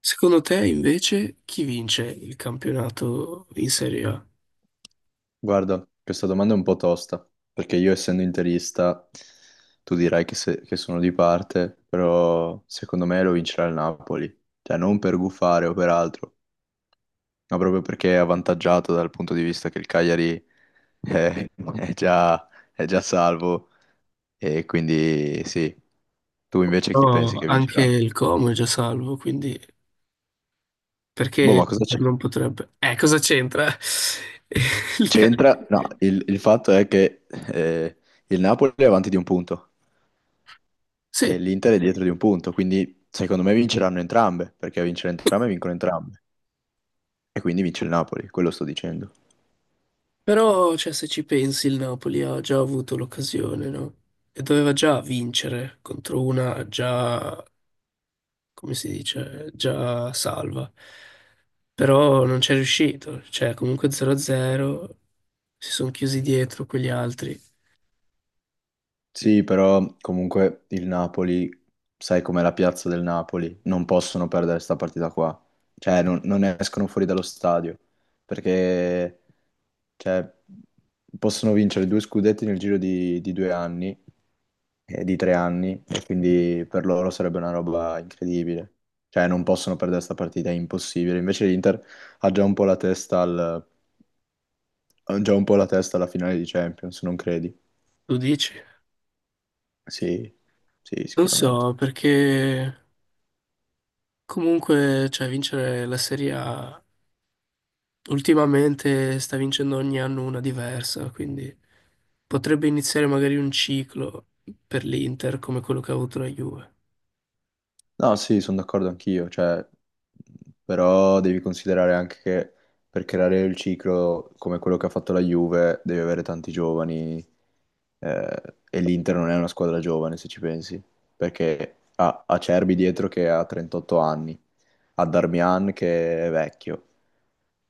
Secondo te, invece, chi vince il campionato in Serie A? Guarda, questa domanda è un po' tosta, perché io essendo interista, tu dirai che, che sono di parte, però secondo me lo vincerà il Napoli. Cioè non per gufare o per altro, ma proprio perché è avvantaggiato dal punto di vista che il Cagliari è, è già, è già salvo e quindi sì. Tu invece chi pensi No, che anche vincerà? il Como è già salvo, quindi Boh, perché ma cosa c'è? l'Inter non potrebbe? Cosa c'entra? Il Ca- C'entra? No, il fatto è che eh, il Napoli è avanti di un punto. E Sì, l'Inter è dietro di un punto, quindi secondo me vinceranno entrambe, perché a vincere entrambe vincono entrambe, e quindi vince il Napoli, quello sto dicendo. però cioè, se ci pensi il Napoli ha già avuto l'occasione, no? E doveva già vincere contro una già, come si dice, già salva. Però non c'è riuscito, cioè comunque 0-0, si sono chiusi dietro quegli altri. Sì, però comunque il Napoli, sai com'è la piazza del Napoli, non possono perdere questa partita qua. Cioè, non escono fuori dallo stadio, perché cioè, possono vincere due scudetti nel giro di due anni, di tre anni, e quindi per loro sarebbe una roba incredibile. Cioè, non possono perdere questa partita, è impossibile. Invece l'Inter ha già un po' la testa al- ha già un po' la testa alla finale di Champions, non credi? Tu dici? Sì, sì, Non sicuramente. so, perché comunque, cioè, vincere la Serie A ultimamente sta vincendo ogni anno una diversa, quindi potrebbe iniziare magari un ciclo per l'Inter come quello che ha avuto la Juve. No, sì, sono d'accordo anch'io, cioè, però devi considerare anche che per creare il ciclo come quello che ha fatto la Juve devi avere tanti giovani eh, e l'Inter non è una squadra giovane se ci pensi, perché ha Acerbi dietro che ha 38 anni, ha Darmian che è vecchio,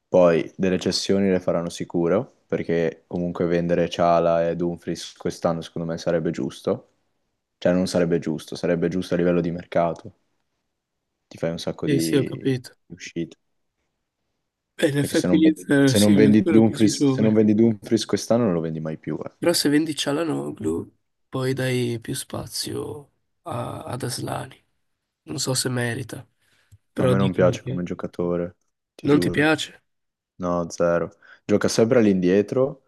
poi delle cessioni le faranno sicuro, perché comunque vendere Ciala e Dumfries quest'anno secondo me sarebbe giusto, cioè non sarebbe giusto, sarebbe giusto a livello di mercato, ti fai un sacco Sì, sì, ho di capito. Uscite. E in Perché effetti l'Inter, se sì, non lo vendi spero così Dumfries, se non giovane. vendi Dumfries quest'anno non lo vendi mai più. Eh. Però se vendi Cialanoglu, poi dai più spazio ad Aslani. Non so se merita, A però me non dicono piace come che giocatore, ti non ti giuro. piace. No, zero. Gioca sempre all'indietro,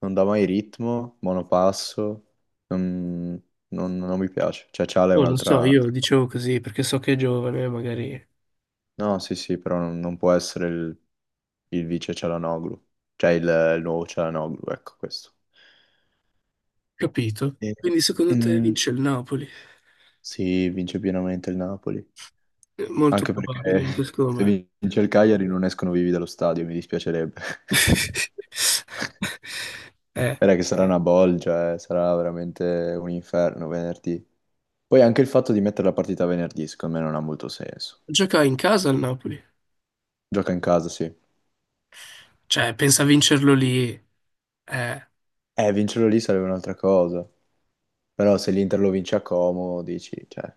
non dà mai ritmo, monopasso. Non, non mi piace. Cioè, Ciala è Oh, non so, io un'altra cosa. dicevo così perché so che è giovane, magari. No, sì, sì, però non può essere il vice Cialanoglu. Cioè, il nuovo Cialanoglu, ecco questo. Capito? E, Quindi secondo te mm, vince il Napoli? sì, vince pienamente il Napoli. È molto Anche probabile, anche perché secondo se me. vince il Cagliari non escono vivi dallo stadio, mi dispiacerebbe. Eh, Era che sarà una bolgia, sarà veramente un inferno venerdì. Poi anche il fatto di mettere la partita venerdì, secondo me non ha molto senso. gioca in casa il Napoli. Gioca in casa, sì. Cioè, pensa a vincerlo lì. Eh, Vincerlo lì sarebbe un'altra cosa. Però se l'Inter lo vince a Como, dici, cioè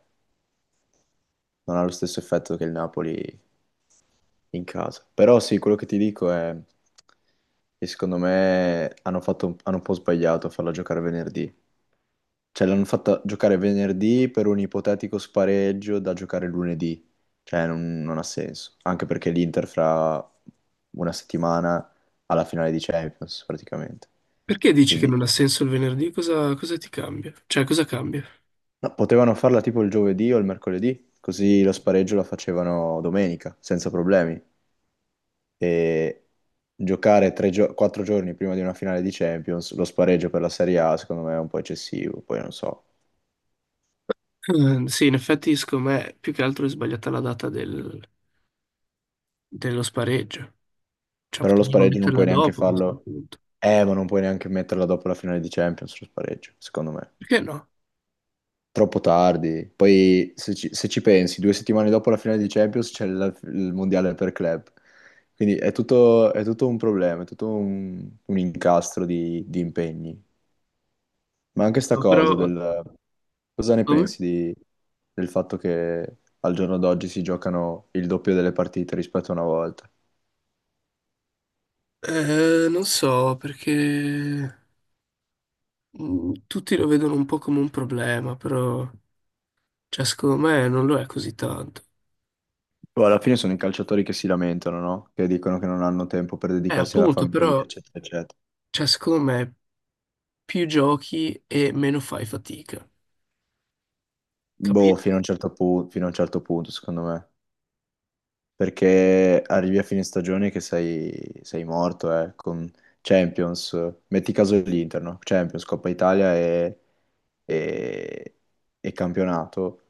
non ha lo stesso effetto che il Napoli in casa. Però sì, quello che ti dico è che secondo me hanno un po' sbagliato a farla giocare venerdì. Cioè l'hanno fatta giocare venerdì per un ipotetico spareggio da giocare lunedì. Cioè non ha senso. Anche perché l'Inter fra una settimana ha la finale di Champions praticamente. perché dici che Quindi non ha senso il venerdì? Cosa ti cambia? Cioè, cosa cambia? no, potevano farla tipo il giovedì o il mercoledì, così lo spareggio la facevano domenica, senza problemi. E giocare quattro giorni prima di una finale di Champions, lo spareggio per la Serie A, secondo me è un po' eccessivo, poi non so. Sì, in effetti, secondo me, più che altro è sbagliata la data dello spareggio. Cioè, Però lo potevano spareggio non metterla puoi neanche dopo a questo farlo, punto. Ma non puoi neanche metterla dopo la finale di Champions, lo spareggio, secondo me. Perché no? Troppo tardi. Poi, se ci pensi, due settimane dopo la finale di Champions c'è il mondiale per club. Quindi è tutto un problema, è tutto un incastro di impegni. Ma anche sta No, cosa però, del... Cosa ne come? pensi di- del fatto che al giorno d'oggi si giocano il doppio delle partite rispetto a una volta? Non so, perché tutti lo vedono un po' come un problema, però, cioè, secondo me non lo è così tanto. Poi alla fine sono i calciatori che si lamentano, no? Che dicono che non hanno tempo per dedicarsi alla Appunto, famiglia, però, eccetera, eccetera. cioè, secondo me, più giochi e meno fai fatica, Boh, capito? Fino a un certo punto, secondo me. Perché arrivi a fine stagione che sei morto, con Champions, metti caso l'Inter, no? Champions, Coppa Italia e- e campionato,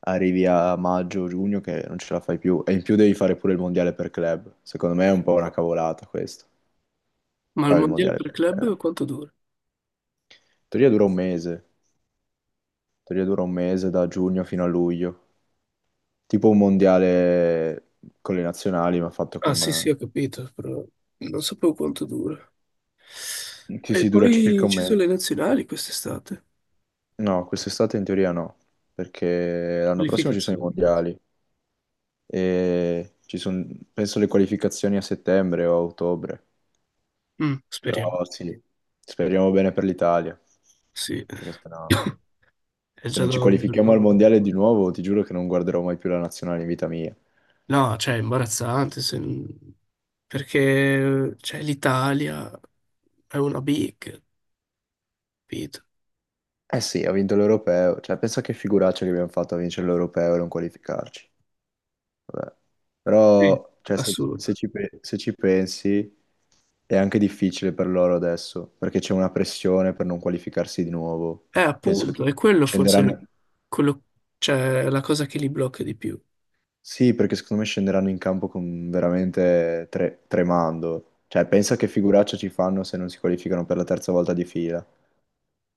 arrivi a maggio, giugno che non ce la fai più, e in più devi fare pure il mondiale per club, secondo me è un po' una cavolata questo, Ma il fare il mondiale mondiale per per club. club In quanto dura? teoria dura un mese, in teoria dura un mese da giugno fino a luglio, tipo un mondiale con le nazionali ma fatto Ah, con... sì, sì, ho capito, però non sapevo quanto dura. Sì, E sì, dura poi circa un ci sono mese. le nazionali quest'estate. No, quest'estate in teoria no, perché l'anno prossimo ci sono i Qualificazione. mondiali e ci sono, penso, le qualificazioni a settembre o a ottobre. Speriamo. Però sì, speriamo bene per l'Italia, Sì, perché sennò è se già non da ci un bel qualifichiamo al po'. mondiale di nuovo, ti giuro che non guarderò mai più la nazionale in vita mia. No, cioè, è imbarazzante se non- perché cioè, l'Italia è una big, capito? Eh sì, ha vinto l'europeo, cioè pensa che figuraccia che abbiamo fatto a vincere l'europeo e non qualificarci. Vabbè. Sì. Però, cioè, Assurdo. Se ci pensi, è anche difficile per loro adesso, perché c'è una pressione per non qualificarsi di nuovo. Penso che Appunto, è quello forse scenderanno... quello, cioè, la cosa che li blocca di più. Sì, perché secondo me scenderanno in campo con veramente tremando. Cioè, pensa che figuraccia ci fanno se non si qualificano per la terza volta di fila.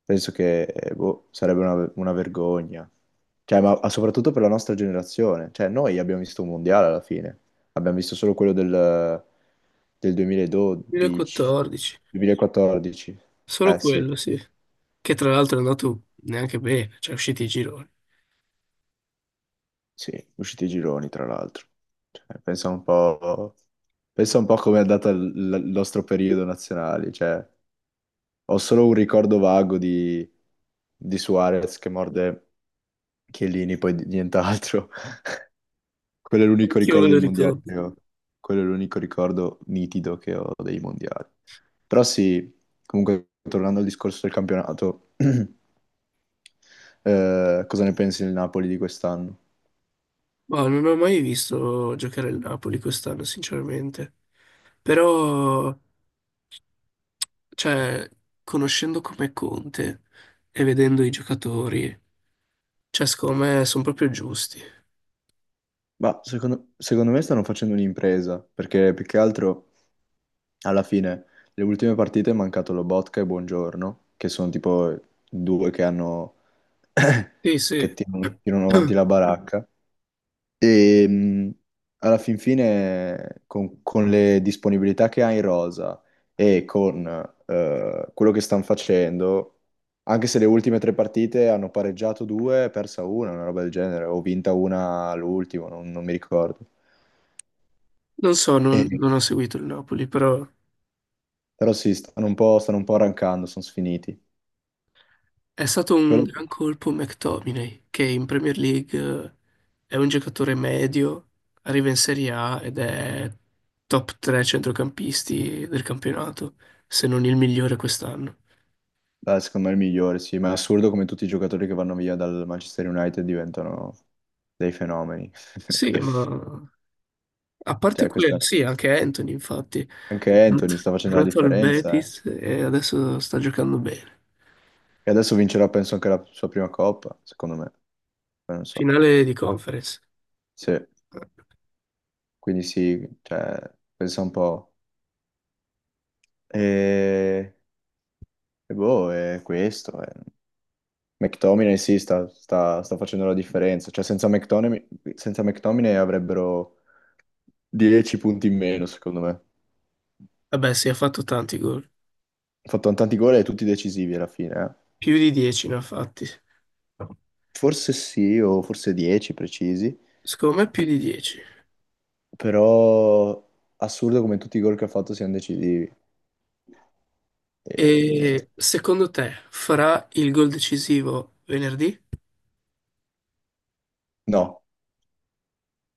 Penso che boh, sarebbe una vergogna. Cioè, ma soprattutto per la nostra generazione. Cioè, noi abbiamo visto un mondiale alla fine. Abbiamo visto solo quello del 2012, 2014, 2014. solo Eh sì, quello, sì. Che tra l'altro è andato neanche bene, cioè, è uscito i gironi. sì, usciti i gironi, tra l'altro. Cioè, pensa un po' come è andato il nostro periodo nazionale. Cioè, ho solo un ricordo vago di Suarez che morde Chiellini, nient'altro. Quello è l'unico Anch'io me ricordo dei lo mondiali ricordo. che ho. Quello è l'unico ricordo nitido che ho dei mondiali. Però sì, comunque tornando al discorso del campionato, cosa ne pensi del Napoli di quest'anno? Ma non ho mai visto giocare il Napoli quest'anno, sinceramente. Però, cioè, conoscendo come Conte e vedendo i giocatori, cioè, secondo me sono proprio giusti. Ma secondo me stanno facendo un'impresa, perché più che altro alla fine le ultime partite è mancato Lobotka e Buongiorno, che sono tipo due che hanno Sì, che sì. Tirano avanti la baracca. E alla fin fine, con le disponibilità che ha in rosa e con quello che stanno facendo, anche se le ultime tre partite hanno pareggiato due, e persa una roba del genere, o vinta una all'ultimo, non mi ricordo. Non so, non, E- non ho seguito il Napoli, però. però sì, stanno un po' arrancando, sono sfiniti. È stato un Quello gran colpo McTominay, che in Premier League è un giocatore medio, arriva in Serie A ed è top 3 centrocampisti del campionato, se non il migliore quest'anno. Secondo me è il migliore, sì, ma è assurdo come tutti i giocatori che vanno via dal Manchester United diventano dei fenomeni. Sì, ma a parte Cioè, questa... quello, sì, anche Anthony, infatti, è Anche Anthony sta facendo la andato al differenza, eh. Betis e adesso sta giocando bene. E adesso vincerà, penso, anche la sua prima coppa, secondo me. Poi non so. Finale di conference. Sì. Quindi sì, cioè, pensa un po'. E, e boh, è questo. Eh. McTominay sì, sta facendo la differenza. Cioè, senza McTominay, senza McTominay avrebbero 10 punti in meno, secondo me. Vabbè, sì, ha fatto tanti gol, Ha fatto tanti gol e tutti decisivi alla fine, eh. più di 10 ne ha fatti. Forse sì, o forse 10 precisi. Secondo me più di 10. Però assurdo come tutti i gol che ha fatto siano decisivi. E niente. E secondo te farà il gol decisivo venerdì? No.